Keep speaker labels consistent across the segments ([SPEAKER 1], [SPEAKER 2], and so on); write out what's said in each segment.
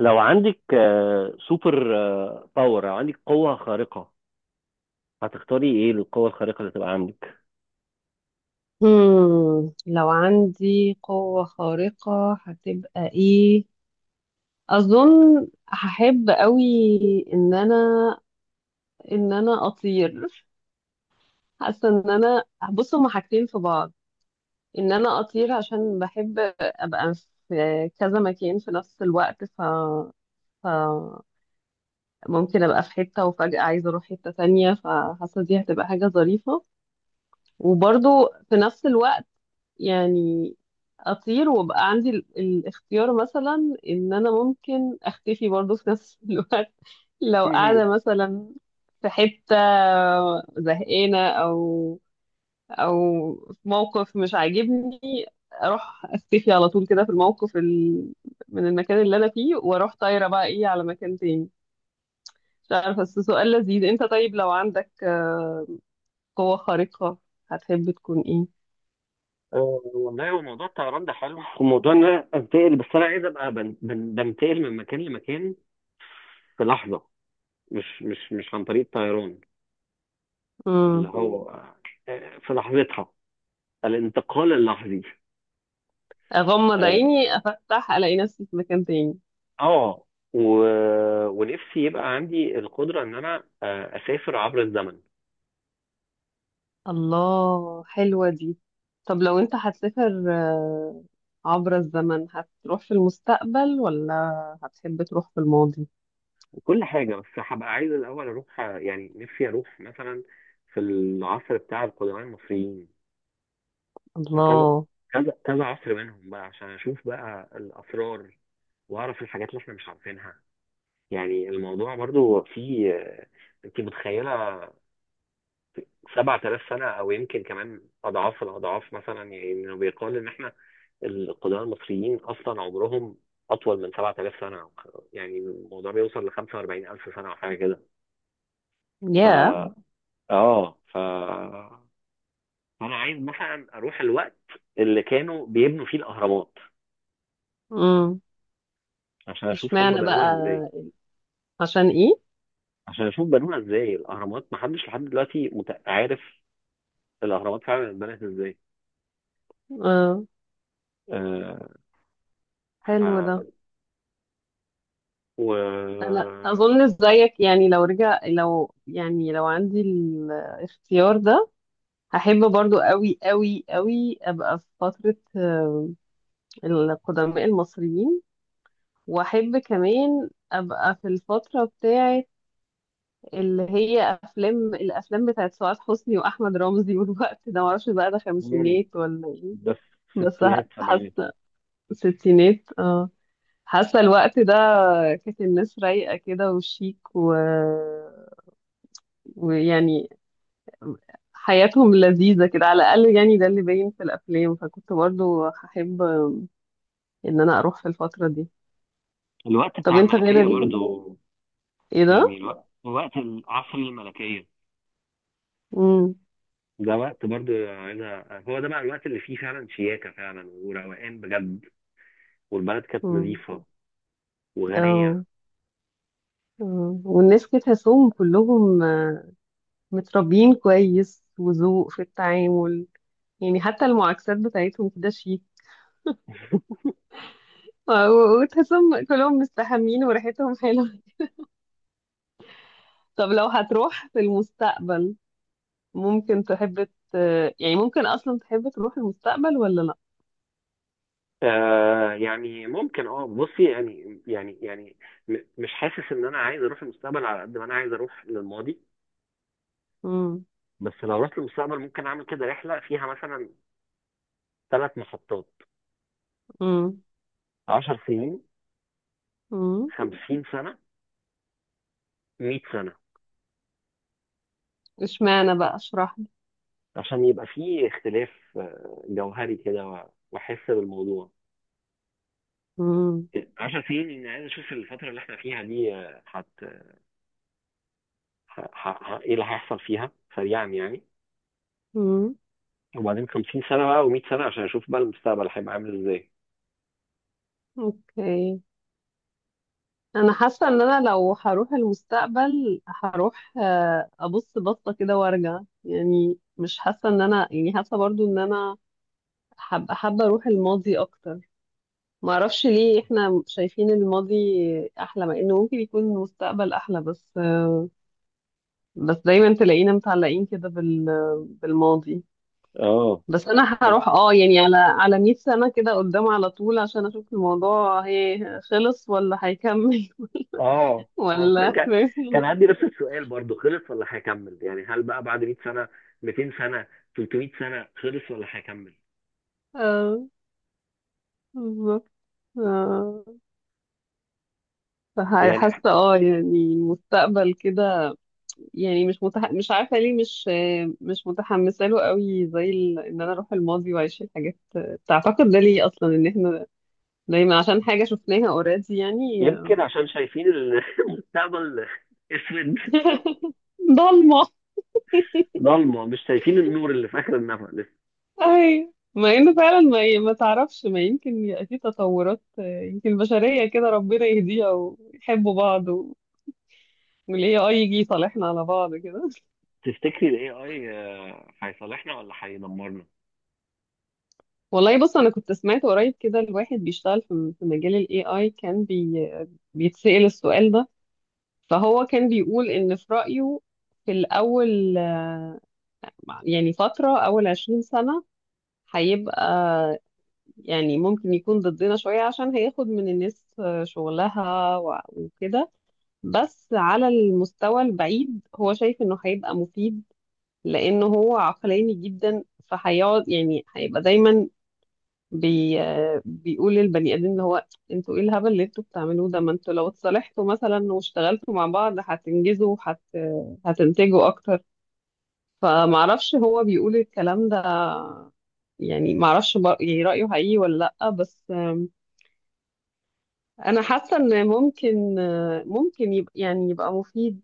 [SPEAKER 1] لو عندك سوبر باور او عندك قوة خارقة، هتختاري ايه للقوة الخارقة اللي تبقى عندك؟
[SPEAKER 2] لو عندي قوة خارقة هتبقى ايه؟ اظن هحب قوي ان انا ان انا اطير. حاسة ان انا، بص هما حاجتين في بعض. ان انا اطير عشان بحب ابقى في كذا مكان في نفس الوقت. ف... ممكن ابقى في حتة وفجأة عايزة اروح حتة تانية، فحاسة دي هتبقى حاجة ظريفة. وبرضو في نفس الوقت، يعني اطير وابقى عندي الاختيار مثلا ان انا ممكن اختفي برضو في نفس الوقت. لو
[SPEAKER 1] مهم.
[SPEAKER 2] قاعده مثلا في حته زهقانه، او في موقف مش عاجبني، اروح اختفي على طول كده في الموقف. من المكان اللي انا فيه واروح طايره بقى ايه على مكان تاني. مش عارفه. بس سؤال لذيذ. انت طيب لو عندك قوه خارقه هتحب تكون ايه؟
[SPEAKER 1] والله هو موضوع الطيران ده حلو، وموضوع ان انا انتقل، بس انا عايز ابقى بنتقل من مكان لمكان في لحظة، مش عن طريق الطيران، اللي هو في لحظتها الانتقال اللحظي.
[SPEAKER 2] اغمض
[SPEAKER 1] اه.
[SPEAKER 2] عيني افتح الاقي نفسي في مكان تاني.
[SPEAKER 1] آه، و... ونفسي يبقى عندي القدرة ان انا اسافر عبر الزمن
[SPEAKER 2] الله، حلوة دي. طب لو انت هتسافر عبر الزمن، هتروح في المستقبل ولا هتحب تروح في الماضي؟
[SPEAKER 1] كل حاجة. بس هبقى عايز الأول أروح، يعني نفسي أروح مثلا في العصر بتاع القدماء المصريين، في كذا
[SPEAKER 2] الله.
[SPEAKER 1] كذا كذا عصر منهم بقى عشان أشوف بقى الأسرار وأعرف الحاجات اللي إحنا مش عارفينها. يعني الموضوع برضو فيه، أنت متخيلة 7000 سنة أو يمكن كمان أضعاف الأضعاف مثلا؟ يعني إنه بيقال إن إحنا القدماء المصريين أصلا عمرهم أطول من 7000 سنة. يعني الموضوع بيوصل ل 45000 سنة أو حاجة كده.
[SPEAKER 2] يا.
[SPEAKER 1] ف اه ف فانا عايز مثلا اروح الوقت اللي كانوا بيبنوا فيه الاهرامات
[SPEAKER 2] امم.
[SPEAKER 1] عشان اشوف هم
[SPEAKER 2] اشمعنى
[SPEAKER 1] بنوها
[SPEAKER 2] بقى؟
[SPEAKER 1] ازاي.
[SPEAKER 2] عشان ايه؟
[SPEAKER 1] عشان اشوف بنوها ازاي، الاهرامات محدش لحد دلوقتي عارف الاهرامات فعلا اتبنت ازاي.
[SPEAKER 2] اه.
[SPEAKER 1] آه
[SPEAKER 2] حلو ده.
[SPEAKER 1] ف و
[SPEAKER 2] انا اظن زيك. يعني لو رجع، لو يعني لو عندي الاختيار ده، هحب برضو قوي قوي قوي ابقى في فترة القدماء المصريين. واحب كمان ابقى في الفتره بتاعه اللي هي افلام، الافلام بتاعه سعاد حسني واحمد رمزي والوقت ده معرفش بقى ده
[SPEAKER 1] مم،
[SPEAKER 2] خمسينات ولا ايه.
[SPEAKER 1] ده في
[SPEAKER 2] بس
[SPEAKER 1] الستينات سبعينات،
[SPEAKER 2] حاسه ستينات، اه. حاسه الوقت ده كانت الناس رايقه كده وشيك، ويعني حياتهم لذيذه كده، على الاقل يعني ده اللي باين في الافلام. فكنت برضو هحب ان انا اروح في الفتره دي.
[SPEAKER 1] الوقت
[SPEAKER 2] طب
[SPEAKER 1] بتاع
[SPEAKER 2] انت غير
[SPEAKER 1] الملكية برضو،
[SPEAKER 2] ايه
[SPEAKER 1] يعني
[SPEAKER 2] ده.
[SPEAKER 1] الوقت وقت العصر الملكية
[SPEAKER 2] امم.
[SPEAKER 1] ده. وقت برضو عايز هو ده بقى الوقت اللي فيه فعلا شياكة فعلا وروقان بجد، والبلد كانت نظيفة وغنية.
[SPEAKER 2] امم. مم. والناس كده تحسهم كلهم متربيين كويس، وذوق في التعامل. يعني حتى المعاكسات بتاعتهم كده شيك. وتحسهم كلهم مستحمين وريحتهم حلوة. طب لو هتروح في المستقبل، ممكن تحب يعني ممكن أصلا تحب تروح المستقبل ولا لأ؟
[SPEAKER 1] يعني ممكن، بصي، يعني مش حاسس ان انا عايز اروح المستقبل على قد ما انا عايز اروح للماضي.
[SPEAKER 2] مم.
[SPEAKER 1] بس لو رحت للمستقبل ممكن اعمل كده رحلة فيها مثلا ثلاث محطات:
[SPEAKER 2] مم.
[SPEAKER 1] 10 سنين،
[SPEAKER 2] مم.
[SPEAKER 1] 50 سنة، 100 سنة،
[SPEAKER 2] اشمعنى بقى؟ اشرح لي.
[SPEAKER 1] عشان يبقى فيه اختلاف جوهري كده، واحس بالموضوع.
[SPEAKER 2] مم.
[SPEAKER 1] 10 سنين اني عايز اشوف الفترة اللي احنا فيها دي آه، هت ه- ه- ه- ايه اللي هيحصل فيها سريعا يعني.
[SPEAKER 2] مم.
[SPEAKER 1] وبعدين 50 سنة بقى و100 سنة عشان اشوف بقى المستقبل هيبقى عامل ازاي.
[SPEAKER 2] اوكي. انا حاسه ان انا لو هروح المستقبل هروح ابص بصه كده وارجع. يعني مش حاسه ان انا، يعني حاسه برضو ان انا حابه حابه اروح الماضي اكتر. ما اعرفش ليه احنا شايفين الماضي احلى، مع انه ممكن يكون المستقبل احلى. بس بس دايما تلاقينا متعلقين كده بالماضي.
[SPEAKER 1] اه.
[SPEAKER 2] بس انا
[SPEAKER 1] حاج-
[SPEAKER 2] هروح اه يعني على 100 سنه كده قدام على طول عشان اشوف الموضوع هي خلص ولا هيكمل.
[SPEAKER 1] اه هو
[SPEAKER 2] ولا
[SPEAKER 1] كان
[SPEAKER 2] فاهم؟
[SPEAKER 1] عندي نفس السؤال برضو، خلص ولا هيكمل؟ يعني هل بقى بعد 100 سنة، 200 سنة، 300 سنة خلص ولا هيكمل؟
[SPEAKER 2] آه. بالظبط. آه،
[SPEAKER 1] يعني إح-
[SPEAKER 2] حاسه اه يعني المستقبل كده. يعني مش عارفه ليه مش مش متحمسه له قوي زي ان انا اروح الماضي واعيش الحاجات تعتقد ده ليه اصلا ان احنا دايما عشان حاجه شفناها اوريدي يعني
[SPEAKER 1] يمكن عشان شايفين المستقبل اسود،
[SPEAKER 2] ضلمه.
[SPEAKER 1] ضلمة، مش شايفين النور اللي في آخر النفق لسه.
[SPEAKER 2] اهي، مع انه فعلا ما ما تعرفش ما يمكن يبقى في تطورات يمكن البشريه كده ربنا يهديها ويحبوا بعض والاي اي يجي يصالحنا على بعض كده.
[SPEAKER 1] تفتكري ال AI هيصالحنا ولا هيدمرنا؟
[SPEAKER 2] والله، بص انا كنت سمعت قريب كده الواحد بيشتغل في مجال الاي اي، كان بيتسأل السؤال ده. فهو كان بيقول ان في رأيه في الاول، يعني فترة اول 20 سنة هيبقى، يعني ممكن يكون ضدنا شوية عشان هياخد من الناس شغلها وكده. بس على المستوى البعيد هو شايف انه هيبقى مفيد، لانه هو عقلاني جدا، فهيقعد يعني هيبقى دايما بي آه، بيقول للبني ادمين، اللي هو انتوا ايه الهبل اللي انتوا بتعملوه ده؟ ما انتوا لو اتصالحتوا مثلا واشتغلتوا مع بعض هتنجزوا هتنتجوا اكتر. فمعرفش هو بيقول الكلام ده، يعني معرفش يعني رأيه حقيقي ولا لأ. بس انا حاسة ان ممكن ممكن يبقى، يعني يبقى مفيد.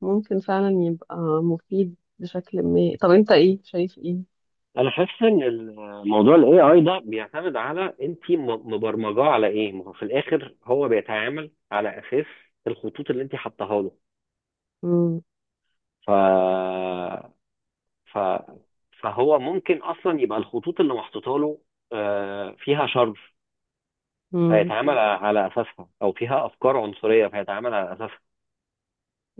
[SPEAKER 2] ممكن فعلا يبقى مفيد بشكل ما. طب انت ايه شايف ايه؟
[SPEAKER 1] انا حاسس ان الموضوع الاي اي ده بيعتمد على انت مبرمجاه على ايه. ما هو في الاخر هو بيتعامل على اساس الخطوط اللي انت حطاها له.
[SPEAKER 2] امم.
[SPEAKER 1] ف... ف... فهو ممكن اصلا يبقى الخطوط اللي محطوطه له فيها شر
[SPEAKER 2] امم.
[SPEAKER 1] فيتعامل على اساسها، او فيها افكار عنصريه فيتعامل على اساسها.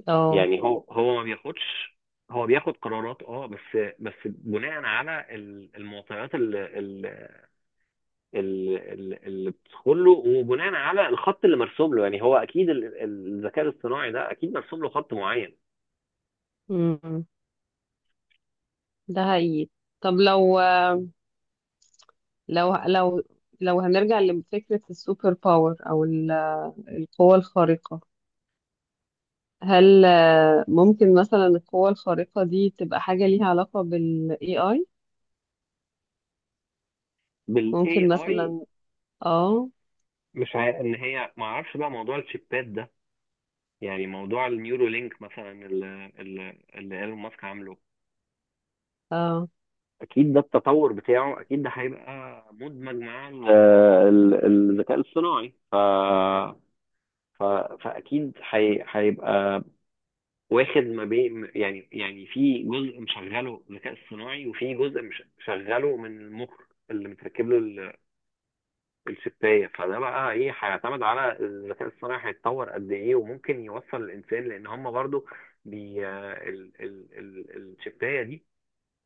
[SPEAKER 2] اه.
[SPEAKER 1] يعني هو ما بياخدش، هو بياخد قرارات، بس بناء على المعطيات اللي بتدخل له وبناء على الخط اللي مرسوم له. يعني هو اكيد الذكاء الاصطناعي ده اكيد مرسوم له خط معين.
[SPEAKER 2] امم. ده حقيقي. طب لو لو لو لو هنرجع لفكرة السوبر باور أو القوة الخارقة، هل ممكن مثلا القوة الخارقة دي تبقى حاجة ليها علاقة بال AI؟
[SPEAKER 1] بالاي
[SPEAKER 2] ممكن
[SPEAKER 1] اي،
[SPEAKER 2] مثلا. اه.
[SPEAKER 1] مش عارف، ان هي ما اعرفش بقى موضوع الشيبات ده، يعني موضوع النيورو لينك مثلا اللي ايلون ماسك عامله.
[SPEAKER 2] اه.
[SPEAKER 1] اكيد ده التطور بتاعه، اكيد ده هيبقى مدمج مع الذكاء الاصطناعي. ف... فاكيد هيبقى واخد ما بين، في جزء مشغله ذكاء اصطناعي وفي جزء مشغله من المخ اللي متركب له الشبايه. فده بقى ايه، هيعتمد على الذكاء الصناعي هيتطور قد ايه، وممكن يوصل الانسان لان هم برضو بي ال ال ال الشبايه دي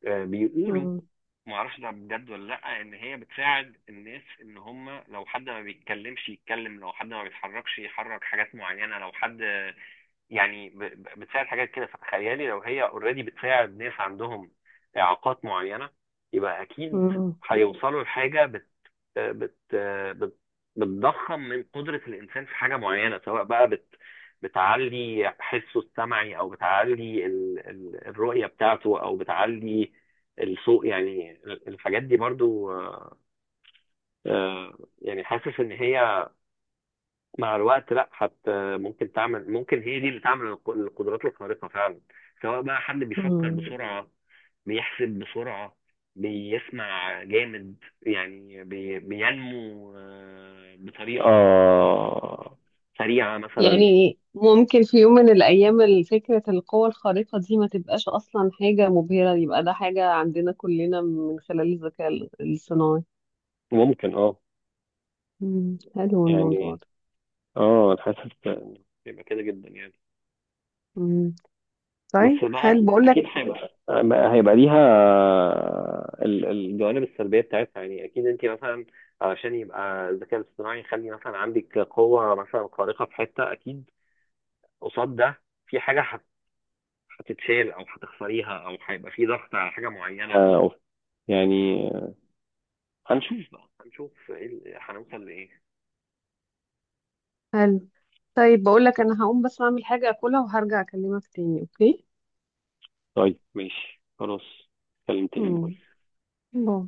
[SPEAKER 1] بيقولوا،
[SPEAKER 2] مم،
[SPEAKER 1] ما اعرفش ده بجد ولا لا، ان هي بتساعد الناس، ان هم لو حد ما بيتكلمش يتكلم، لو حد ما بيتحركش يحرك حاجات معينه، لو حد يعني بتساعد حاجات كده. فتخيلي لو هي اوريدي بتساعد ناس عندهم اعاقات معينه، يبقى اكيد
[SPEAKER 2] مم،
[SPEAKER 1] هيوصلوا لحاجه بت بت بت بتضخم من قدره الانسان في حاجه معينه، سواء بقى بتعلي حسه السمعي او بتعلي الرؤيه بتاعته او بتعلي الصوت. يعني الحاجات دي برضو يعني حاسس ان هي مع الوقت، لا حتى ممكن تعمل، ممكن هي دي اللي تعمل القدرات الخارقة فعلا، سواء بقى حد بيفكر
[SPEAKER 2] مم.
[SPEAKER 1] بسرعة، بيحسب بسرعة، بيسمع جامد، يعني بينمو بطريقة سريعة مثلا.
[SPEAKER 2] يعني ممكن في يوم من الأيام فكرة القوة الخارقة دي ما تبقاش أصلا حاجة مبهرة، يبقى ده حاجة عندنا كلنا من خلال الذكاء الصناعي.
[SPEAKER 1] ممكن. اه
[SPEAKER 2] مم، حلو الموضوع
[SPEAKER 1] يعني،
[SPEAKER 2] ده.
[SPEAKER 1] اه انا حاسس إن يبقى كده جدا يعني.
[SPEAKER 2] مم.
[SPEAKER 1] بس
[SPEAKER 2] طيب
[SPEAKER 1] مع،
[SPEAKER 2] حلو، بقول لك.
[SPEAKER 1] اكيد هيبقى ليها الجوانب السلبيه بتاعتها. يعني اكيد انت مثلا علشان يبقى الذكاء الاصطناعي يخلي مثلا عندك قوه مثلا خارقه في حته، اكيد قصاد ده في حاجه هتتشال او هتخسريها، او هيبقى في ضغط على حاجه معينه يعني. هنشوف بقى، هنشوف إيه هنوصل لايه.
[SPEAKER 2] حلو. طيب بقول لك، انا هقوم بس اعمل حاجة اكلها وهرجع اكلمك تاني. اوكي.
[SPEAKER 1] طيب ماشي خلاص. اتكلم تاني.
[SPEAKER 2] مم.
[SPEAKER 1] باي.
[SPEAKER 2] باي.